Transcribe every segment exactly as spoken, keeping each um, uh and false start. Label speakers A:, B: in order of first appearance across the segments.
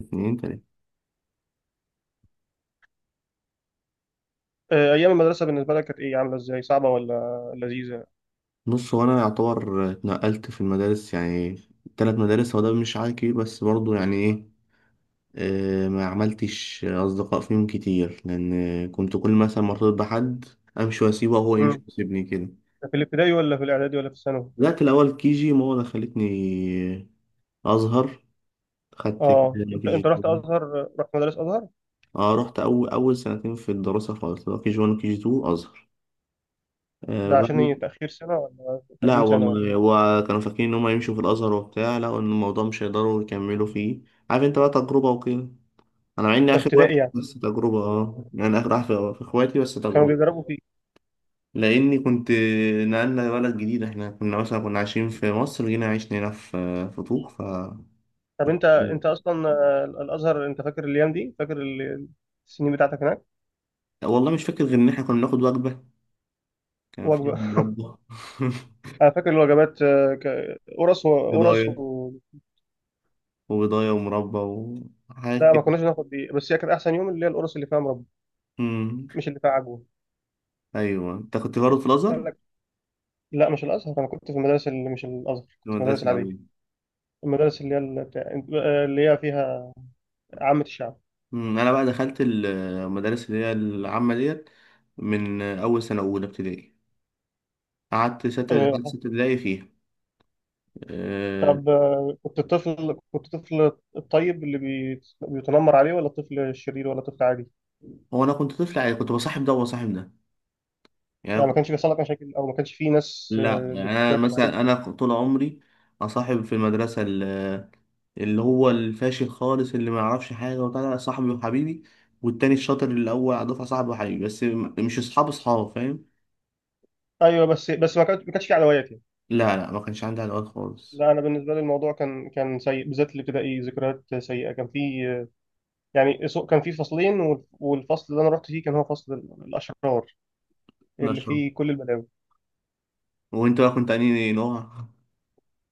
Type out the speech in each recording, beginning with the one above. A: اتنين تلاتة.
B: آه، ايام المدرسه بالنسبه لك كانت ايه؟ عامله ازاي؟ صعبه ولا لذيذه؟
A: بص، هو أنا يعتبر اتنقلت في المدارس، يعني تلات مدارس. هو ده مش عادي كبير، بس برضه يعني إيه. آه، ما عملتش أصدقاء فيهم كتير لأن كنت كل مثلا مرتبط بحد، أمشي وأسيبه وهو يمشي
B: امم
A: ويسيبني كده.
B: في الابتدائي ولا في الاعدادي ولا في الثانوي؟
A: بدأت الأول كيجي، ماما خلتني أظهر، خدت
B: اه، انت
A: كيجي
B: انت رحت
A: اتنين.
B: ازهر؟ رحت مدرسه ازهر؟
A: اه رحت أول أول سنتين في الدراسة خالص، اللي هو كيجي وان وكيجي تو أزهر. آه
B: ده عشان هي
A: بعد
B: تاخير سنه ولا
A: لا
B: تقديم سنه ولا؟
A: والله، هو كانوا فاكرين ان هم يمشوا في الازهر وبتاع، لقوا ان الموضوع مش هيقدروا يكملوا فيه. عارف انت بقى، تجربه وكده. انا مع اني
B: ده
A: اخر واحد
B: ابتدائي يعني؟
A: بس تجربه، اه يعني اخر واحد في في اخواتي، بس
B: كانوا
A: تجربه.
B: بيجربوا فيه؟
A: لاني كنت نقلنا بلد جديد، احنا كنا مثلا كنا عايشين في مصر، جينا عشنا هنا في في طوق. ف
B: طب انت انت اصلا، آه، الازهر انت فاكر الايام دي؟ فاكر ال- السنين بتاعتك هناك؟
A: والله مش فاكر غير ان احنا كنا بناخد وجبه كان فيها
B: وجبه.
A: مربى
B: انا فاكر الوجبات، آه، ك- قرص وقرص
A: بيضايه
B: و...
A: وبيضايه ومربى وحاجات
B: لا، ما
A: كده.
B: كناش ناخد دي، بس هي كانت احسن يوم اللي هي القرص اللي فيها مربى.
A: أمم.
B: مش اللي فيها عجوه.
A: ايوه، انت كنت برضه في
B: قال
A: الازهر.
B: لك؟ لا، مش الازهر، انا كنت في المدرسه اللي مش الازهر،
A: في
B: كنت في المدرسه
A: المدرسه
B: العاديه.
A: العاديه.
B: المدارس اللي هي اللي هي فيها عامة الشعب.
A: مم، انا بقى دخلت المدارس اللي هي العامه ديت من اول سنه اولى ابتدائي. قعدت ستة قعدت ستة
B: آه.
A: ابتدائي فيها. أه...
B: طب، آه، كنت الطفل، كنت الطفل الطيب اللي بي- بيتنمر عليه، ولا الطفل الشرير، ولا الطفل عادي؟
A: هو انا كنت طفل، يعني كنت بصاحب ده وبصاحب ده، يعني أنا
B: يعني ما
A: كنت
B: كانش بيحصل لك مشاكل، او ما كانش في ناس
A: لا
B: آه،
A: يعني انا،
B: بترخم عليك؟
A: مثلا انا طول عمري اصاحب في المدرسه ال- اللي هو الفاشل خالص، اللي ما يعرفش حاجه وبتاع، ده صاحبي وحبيبي. والتاني الشاطر اللي الاول على الدفعه، صاحبي وحبيبي، بس م- مش اصحاب اصحاب، فاهم.
B: ايوه، بس بس ما كانش ما كانش في عدوات يعني؟
A: لا لا، ما كانش عندي علاقات خالص.
B: لا، انا بالنسبه لي الموضوع كان كان سيء، بالذات الابتدائي ذكريات سيئه. كان في، آه، يعني سو- كان في فصلين وال- والفصل اللي انا رحت فيه كان هو فصل الاشرار اللي
A: نشره.
B: فيه كل البلاوي.
A: وانت بقى كنت انهي نوع؟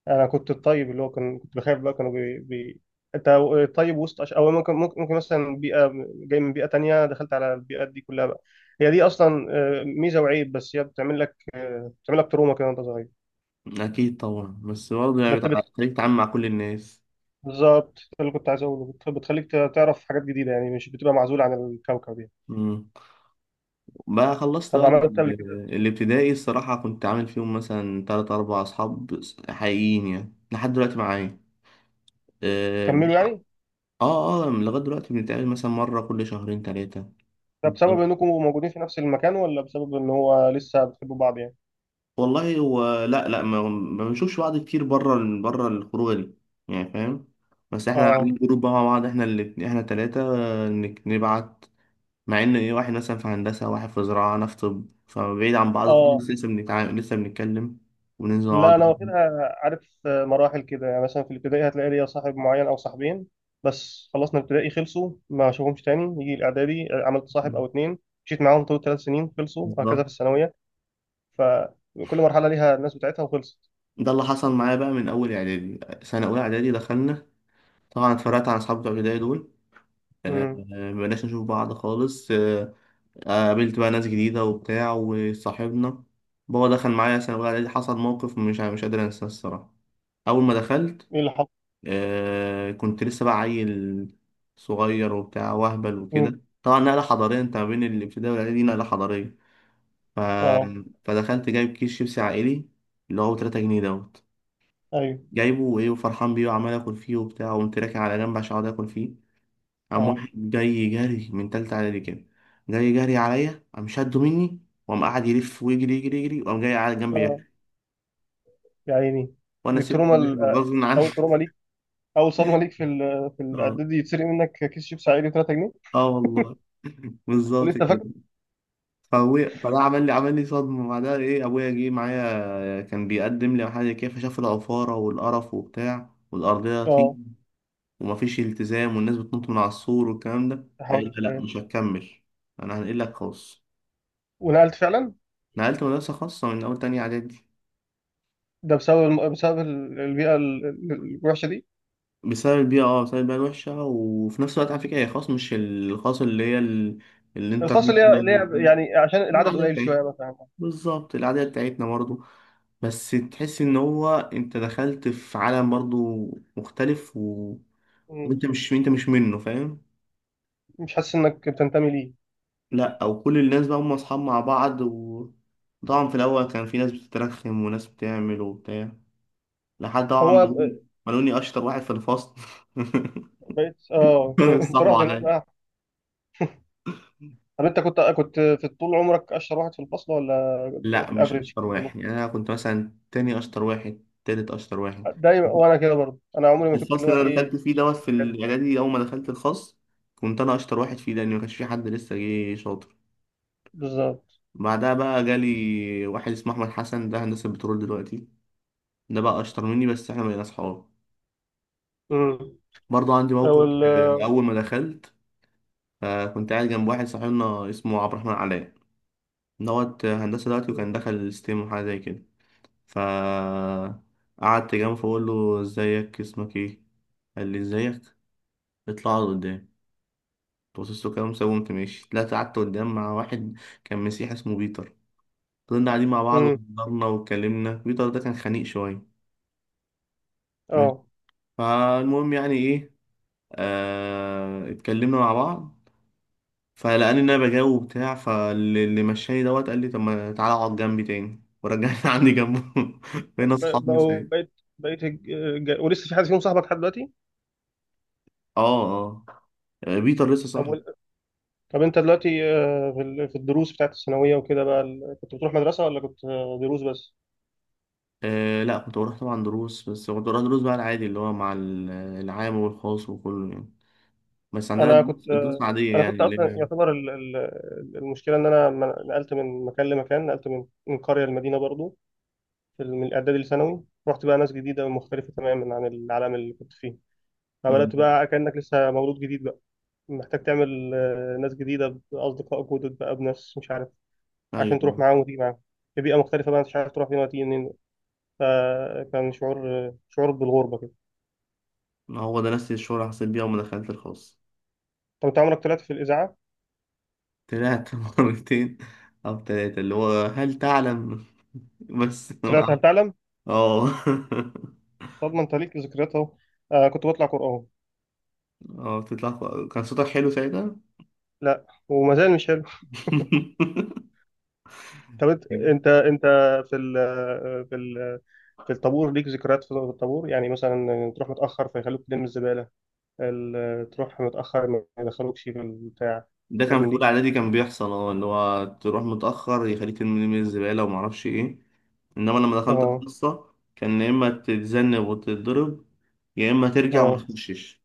B: انا كنت الطيب اللي هو كان كنت بخاف بقى، كانوا بي... بي... انت طيب وسط عش... او ممكن ممكن ممكن مثلا بيئه جاي من بيئه تانية دخلت على البيئات دي كلها بقى. هي دي اصلا، آه، ميزه وعيب، بس هي بتعمل لك، آه، بتعمل لك تروما كده وانت صغير.
A: أكيد طبعا، بس برضه يعني
B: بس
A: بتع-
B: بت...
A: خليك تتعامل مع كل الناس.
B: بالظبط ده اللي كنت عايز اقوله. بت... بتخليك ت- تعرف حاجات جديده، يعني مش بتبقى معزول عن الكوكب يعني.
A: مم. بقى خلصت
B: طب
A: بقى
B: عملت إيه
A: ال-
B: قبل كده؟
A: الابتدائي. الصراحة كنت عامل فيهم مثلا تلات أربع أصحاب حقيقيين يعني لحد دلوقتي معايا. اه.
B: كملوا يعني؟
A: اه. آه، لغاية دلوقتي بنتقابل مثلا مرة كل شهرين تلاتة.
B: ده بسبب انكم موجودين في نفس المكان، ولا بسبب ان هو لسه بتحبوا بعض يعني؟
A: والله، هو لا لا، ما ما بنشوفش بعض كتير، بره بره الخروجة دي، يعني فاهم. بس احنا عاملين
B: اه.
A: جروب بقى مع بعض احنا، اللي احنا تلاتة، آه، نك- نبعت. مع ان ايه، واحد مثلا في هندسه، واحد في زراعه، انا في طب، فبعيد عن بعض
B: اه.
A: خالص، لسه بنتعامل، لسه بنتكلم وننزل مع بعض.
B: لا انا واخدها عارف مراحل كده، يعني مثلا في الابتدائي هتلاقي ليا صاحب معين او صاحبين، بس خلصنا الابتدائي خلصوا ما اشوفهمش تاني، يجي الاعدادي عملت صاحب او اتنين مشيت معاهم طول ثلاث سنين خلصوا، وهكذا
A: بالظبط،
B: في الثانويه. فكل مرحله ليها الناس بتاعتها وخلصت.
A: ده اللي حصل معايا بقى من اول اعدادي. سنه اولى اعدادي دخلنا، طبعا اتفرقت عن اصحابي بتوع البدايه دول، آه،
B: امم.
A: آه، مبقناش نشوف بعض خالص. آه، آه، قابلت بقى ناس جديده وبتاع وصاحبنا. بابا دخل معايا سنه اولى اعدادي، حصل موقف مش مش قادر انساه الصراحه. اول ما دخلت،
B: ايه اللي حصل؟
A: آه كنت لسه بقى عيل صغير وبتاع وهبل
B: امم.
A: وكده، طبعا نقلة حضارية انت ما بين الابتدائي والاعدادي دي، نقلة حضارية. ف...
B: اه.
A: فدخلت جايب كيس شيبسي عائلي اللي هو ثلاثة جنيهات دوت،
B: ايوه.
A: جايبه وايه وفرحان بيه وعمال اكل فيه وبتاع، وقمت راكن على جنب عشان اقعد اكل فيه. قام
B: اه.
A: واحد جاي جري من تالتة اعدادي كده، جاي جري عليا، قام شده مني وقام قاعد يلف ويجري يجري يجري، وقام جاي قاعد جنبي
B: اه،
A: ياكل
B: يا عيني.
A: وانا
B: دي
A: سبت
B: التروما
A: الواحد
B: ال- آه،
A: غصب عني.
B: اول تروما ليك، اول صدمه ليك في ال- في
A: اه،
B: الاعدادي، يتسرق منك كيس شيبس عادي تلاته جنيه.
A: اه والله. بالظبط
B: ولسه فاكر.
A: كده. فابويا، فده عمل لي عمل لي صدمه بعدها، ايه، ابويا جه معايا كان بيقدم لي حاجه كده، فشاف العفاره والقرف وبتاع والارضيه
B: اه.
A: طين ومفيش التزام والناس بتنط من على السور والكلام ده،
B: يا
A: قال
B: حول
A: لي لا،
B: الله.
A: مش هتكمل، انا هنقلك خاص.
B: ونقلت فعلا؟
A: نقلت مدرسه خاصه من اول تانية اعدادي.
B: ده بسبب الم... بسبب ال- البيئة ال- ال- الوحشة دي؟
A: بسبب البيئه اه بسبب البيئه الوحشه، وفي نفس الوقت على فكره هي خاص، مش الخاص اللي هي ال-
B: الخاصة اللي هي اللي
A: الانترناشونال،
B: هي، يعني عشان العدد
A: العاديه
B: قليل شوية
A: بتاعتنا.
B: مثلا؟
A: بالظبط، العاديه بتاعتنا برضه، بس تحس ان هو انت دخلت في عالم برضو مختلف و...
B: مم.
A: وانت مش انت مش منه، فاهم.
B: مش حاسس انك بتنتمي ليه؟
A: لا، او كل الناس بقى هم اصحاب مع بعض، و طبعا في الاول كان في ناس بتترخم وناس بتعمل وبتاع، لحد طبعا ما
B: هو
A: لقوني
B: ب-
A: ما لقوني اشطر واحد في الفصل.
B: بقيت اه. انت
A: صعب
B: رحت هناك
A: عليا.
B: بقى. طب انت كنت كنت في طول عمرك اشطر واحد في الفصل، ولا
A: لا
B: في
A: مش
B: الافريج
A: اشطر
B: كده في النص؟
A: واحد، يعني انا كنت مثلا تاني اشطر واحد، تالت اشطر واحد.
B: دايما وانا كده برضه، انا عمري
A: في
B: ما كنت اللي
A: الفصل
B: هو
A: اللي انا دخلت
B: الايه.
A: فيه دوت، في الاعدادي اول ما دخلت الخاص، كنت انا اشطر واحد فيه لان ما كانش في حد لسه جه شاطر.
B: بالظبط.
A: بعدها بقى جالي واحد اسمه احمد حسن، ده هندسه بترول دلوقتي، ده بقى اشطر مني، بس احنا بقينا اصحاب.
B: مم.
A: برضه عندي
B: او
A: موقف.
B: ال.
A: آه، اول ما دخلت، آه، كنت قاعد جنب واحد صاحبنا اسمه عبد الرحمن علاء دوت، آه، هندسه دلوقتي وكان دخل ستيم وحاجه زي كده. ف قعدت جنبه، فبقول له ازيك، اسمك ايه، قال لي ازيك، اطلع اقعد قدام. بصيت له كده مسوي، وقمت ماشي، طلعت قعدت قدام مع واحد كان مسيحي اسمه بيتر. فضلنا قاعدين مع بعض
B: امم.
A: وهزرنا واتكلمنا، بيتر ده كان خنيق شويه،
B: اه.
A: فالمهم، يعني ايه، آه اتكلمنا مع بعض، فلقاني ان انا بجاوب وبتاع، فاللي مشاني دوت قال لي طب ما تعالى اقعد جنبي تاني، ورجعني عندي جنبه، بقينا
B: ب-
A: اصحاب من
B: بقوا
A: ساعتها.
B: بقيت بقيت الج- ج- ولسه في حد فيهم صاحبك لحد دلوقتي؟
A: اه، اه بيتر لسه صاحبي.
B: طب، طب انت دلوقتي، آه، في ال- في الدروس بتاعت الثانويه وكده بقى، ال- كنت بتروح مدرسه ولا كنت، آه، دروس بس؟
A: آه لا، كنت بروح طبعا دروس، بس كنت بروح دروس بقى العادي اللي هو مع ال- العام والخاص وكله، يعني بس عندنا
B: انا
A: دروس
B: كنت،
A: الدروس
B: آه،
A: العادية
B: انا
A: يعني
B: كنت
A: اللي
B: اصلا
A: هي.
B: يعتبر ال- ال- المشكله ان انا ما- نقلت من مكان لمكان، نقلت من من قريه لمدينه برضو. في ال- من الاعدادي لثانوي، رحت بقى ناس جديده ومختلفه تماما عن العالم اللي كنت فيه. فبدات
A: مم.
B: بقى كانك لسه مولود جديد بقى، محتاج تعمل، آه، ناس جديده، باصدقاء جدد بقى، بناس مش عارف عشان
A: ايوه،
B: تروح معاهم وتيجي معاهم. في بيئه مختلفه بقى، انت مش عارف تروح فين وتيجي منين. فكان شعور، شعور بالغربه كده.
A: هو ده نفس الشغل اللي حسيت بيها وما دخلت الخاص.
B: طب انت عمرك طلعت في الاذاعه؟
A: طلعت مرتين أو تلاتة، اللي هو هل تعلم. بس.
B: طلعت هل تعلم؟
A: اه.
B: طب ما انت ليك ذكريات اهو. آه كنت بطلع قران.
A: اه بتطلع، ف- كان صوتك حلو ساعتها.
B: لا وما زال مش حلو. طب انت انت انت في ال في ال في الطابور ليك ذكريات؟ في الطابور يعني مثلا تروح متاخر فيخلوك تلم الزباله، ال- تروح متاخر ما يدخلوكش في البتاع،
A: ده
B: حاجات
A: كان
B: من
A: في أولى
B: دي؟
A: إعدادي، كان بيحصل اه اللي هو تروح متأخر يخليك ترمي من الزبالة ومعرفش إيه. إنما لما دخلت
B: اه.
A: القصة كان يا إما تتذنب وتتضرب، يا إما ترجع وما
B: اه،
A: تخشش.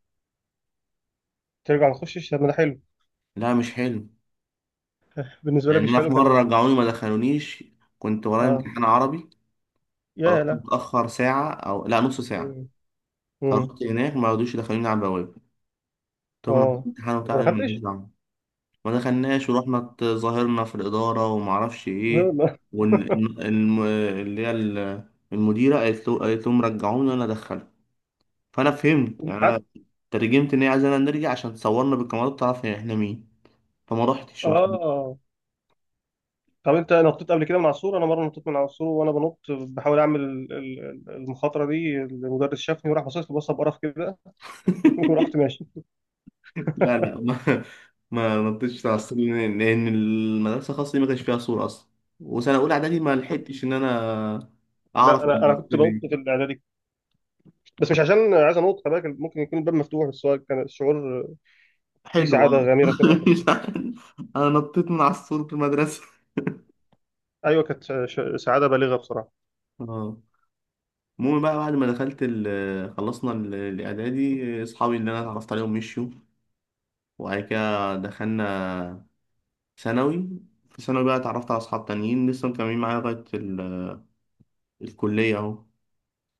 B: ترجع ما تخشش؟ طب ما ده حلو.
A: لا مش حلو.
B: بالنسبه لك
A: لأن
B: مش
A: أنا
B: حلو
A: في مرة
B: كان؟
A: رجعوني ما دخلونيش، كنت ورايا
B: اه،
A: امتحان عربي،
B: يا
A: فرحت
B: لا.
A: متأخر ساعة، أو لا نص ساعة.
B: امم.
A: فرحت هناك ما رضوش يدخلوني على البوابة، طب أنا في
B: اه.
A: امتحان
B: ما
A: وبتاع، أنا ماليش
B: دخلتش؟
A: دعوة. ما دخلناش، ورحنا اتظاهرنا في الإدارة ومعرفش إيه، واللي هي ال- المديرة، قالت له قالت لهم رجعوني وأنا أدخله. فأنا فهمت يعني،
B: امتحان؟
A: أنا ترجمت إن هي عايزانا نرجع عشان تصورنا بالكاميرات تعرف إحنا مين، فما رحتش، قلت لهم
B: اه. طب انت نطيت قبل كده من على السور؟ انا مره نطيت من على السور، وانا بنط بحاول اعمل ال- ال- المخاطره دي، المدرس شافني وراح باصص لي بصه بقرف كده. ورحت ماشي.
A: لا. لا ما ما نطيتش على الصورة، لأن لأن المدرسة الخاصة دي ما كانش فيها صورة أصلا، وسنة أولى إعدادي ما لحقتش إن أنا أعرف.
B: لا، انا انا كنت بنط في الاعدادي، بس مش عشان عايز انط، خلي بالك ممكن يكون الباب مفتوح، بس هو كان الشعور فيه
A: حلو اه.
B: سعاده غامره كده وانت
A: مش
B: بتنط.
A: عارف. انا نطيت من على السور في المدرسه.
B: ايوه، كانت ش- سعاده بالغه بصراحه.
A: اه. المهم بقى، بعد ما دخلت ال خلصنا ال- الاعدادي، اصحابي اللي انا اتعرفت عليهم مشيوا، وبعد كده دخلنا ثانوي. في ثانوي بقى اتعرفت على اصحاب تانيين لسه مكملين معايا لغايه ال- الكليه اهو،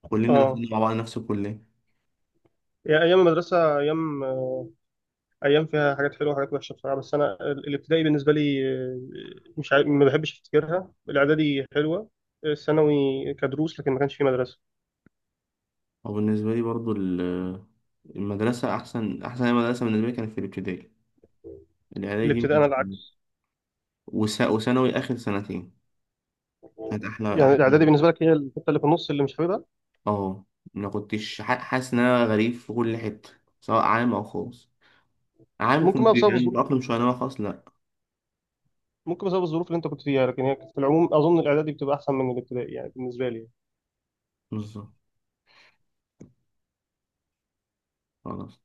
A: كلنا
B: اه.
A: داخلين مع بعض نفس الكليه.
B: يا- ايام المدرسه ايام، ايام فيها حاجات حلوه وحاجات وحشه بصراحه. بس انا ال- الابتدائي بالنسبه لي، آه، مش عارف، ما بحبش افتكرها. الاعدادي حلوه. الثانوي كدروس، لكن ما كانش في مدرسه.
A: وبالنسبه لي برضو، ال- المدرسه، احسن احسن مدرسه بالنسبه لي كانت في الابتدائي، الاعدادي دي
B: الابتدائي انا
A: مش-
B: العكس.
A: وس- وثانوي اخر سنتين كانت احلى
B: يعني الاعدادي
A: احلى.
B: بالنسبه لك هي الحته اللي في النص اللي مش حاببها؟
A: اه، ما كنتش ح- حاسس ان انا غريب في كل حته، سواء عام او خاص، عام
B: ممكن بقى
A: كنت
B: بسبب
A: يعني
B: الظروف،
A: متأقلم شويه، انما خاص لا.
B: ممكن بسبب الظروف اللي انت كنت فيها، لكن هي في العموم اظن الاعدادي بتبقى احسن من الابتدائي يعني بالنسبه لي.
A: بالظبط، خلاص.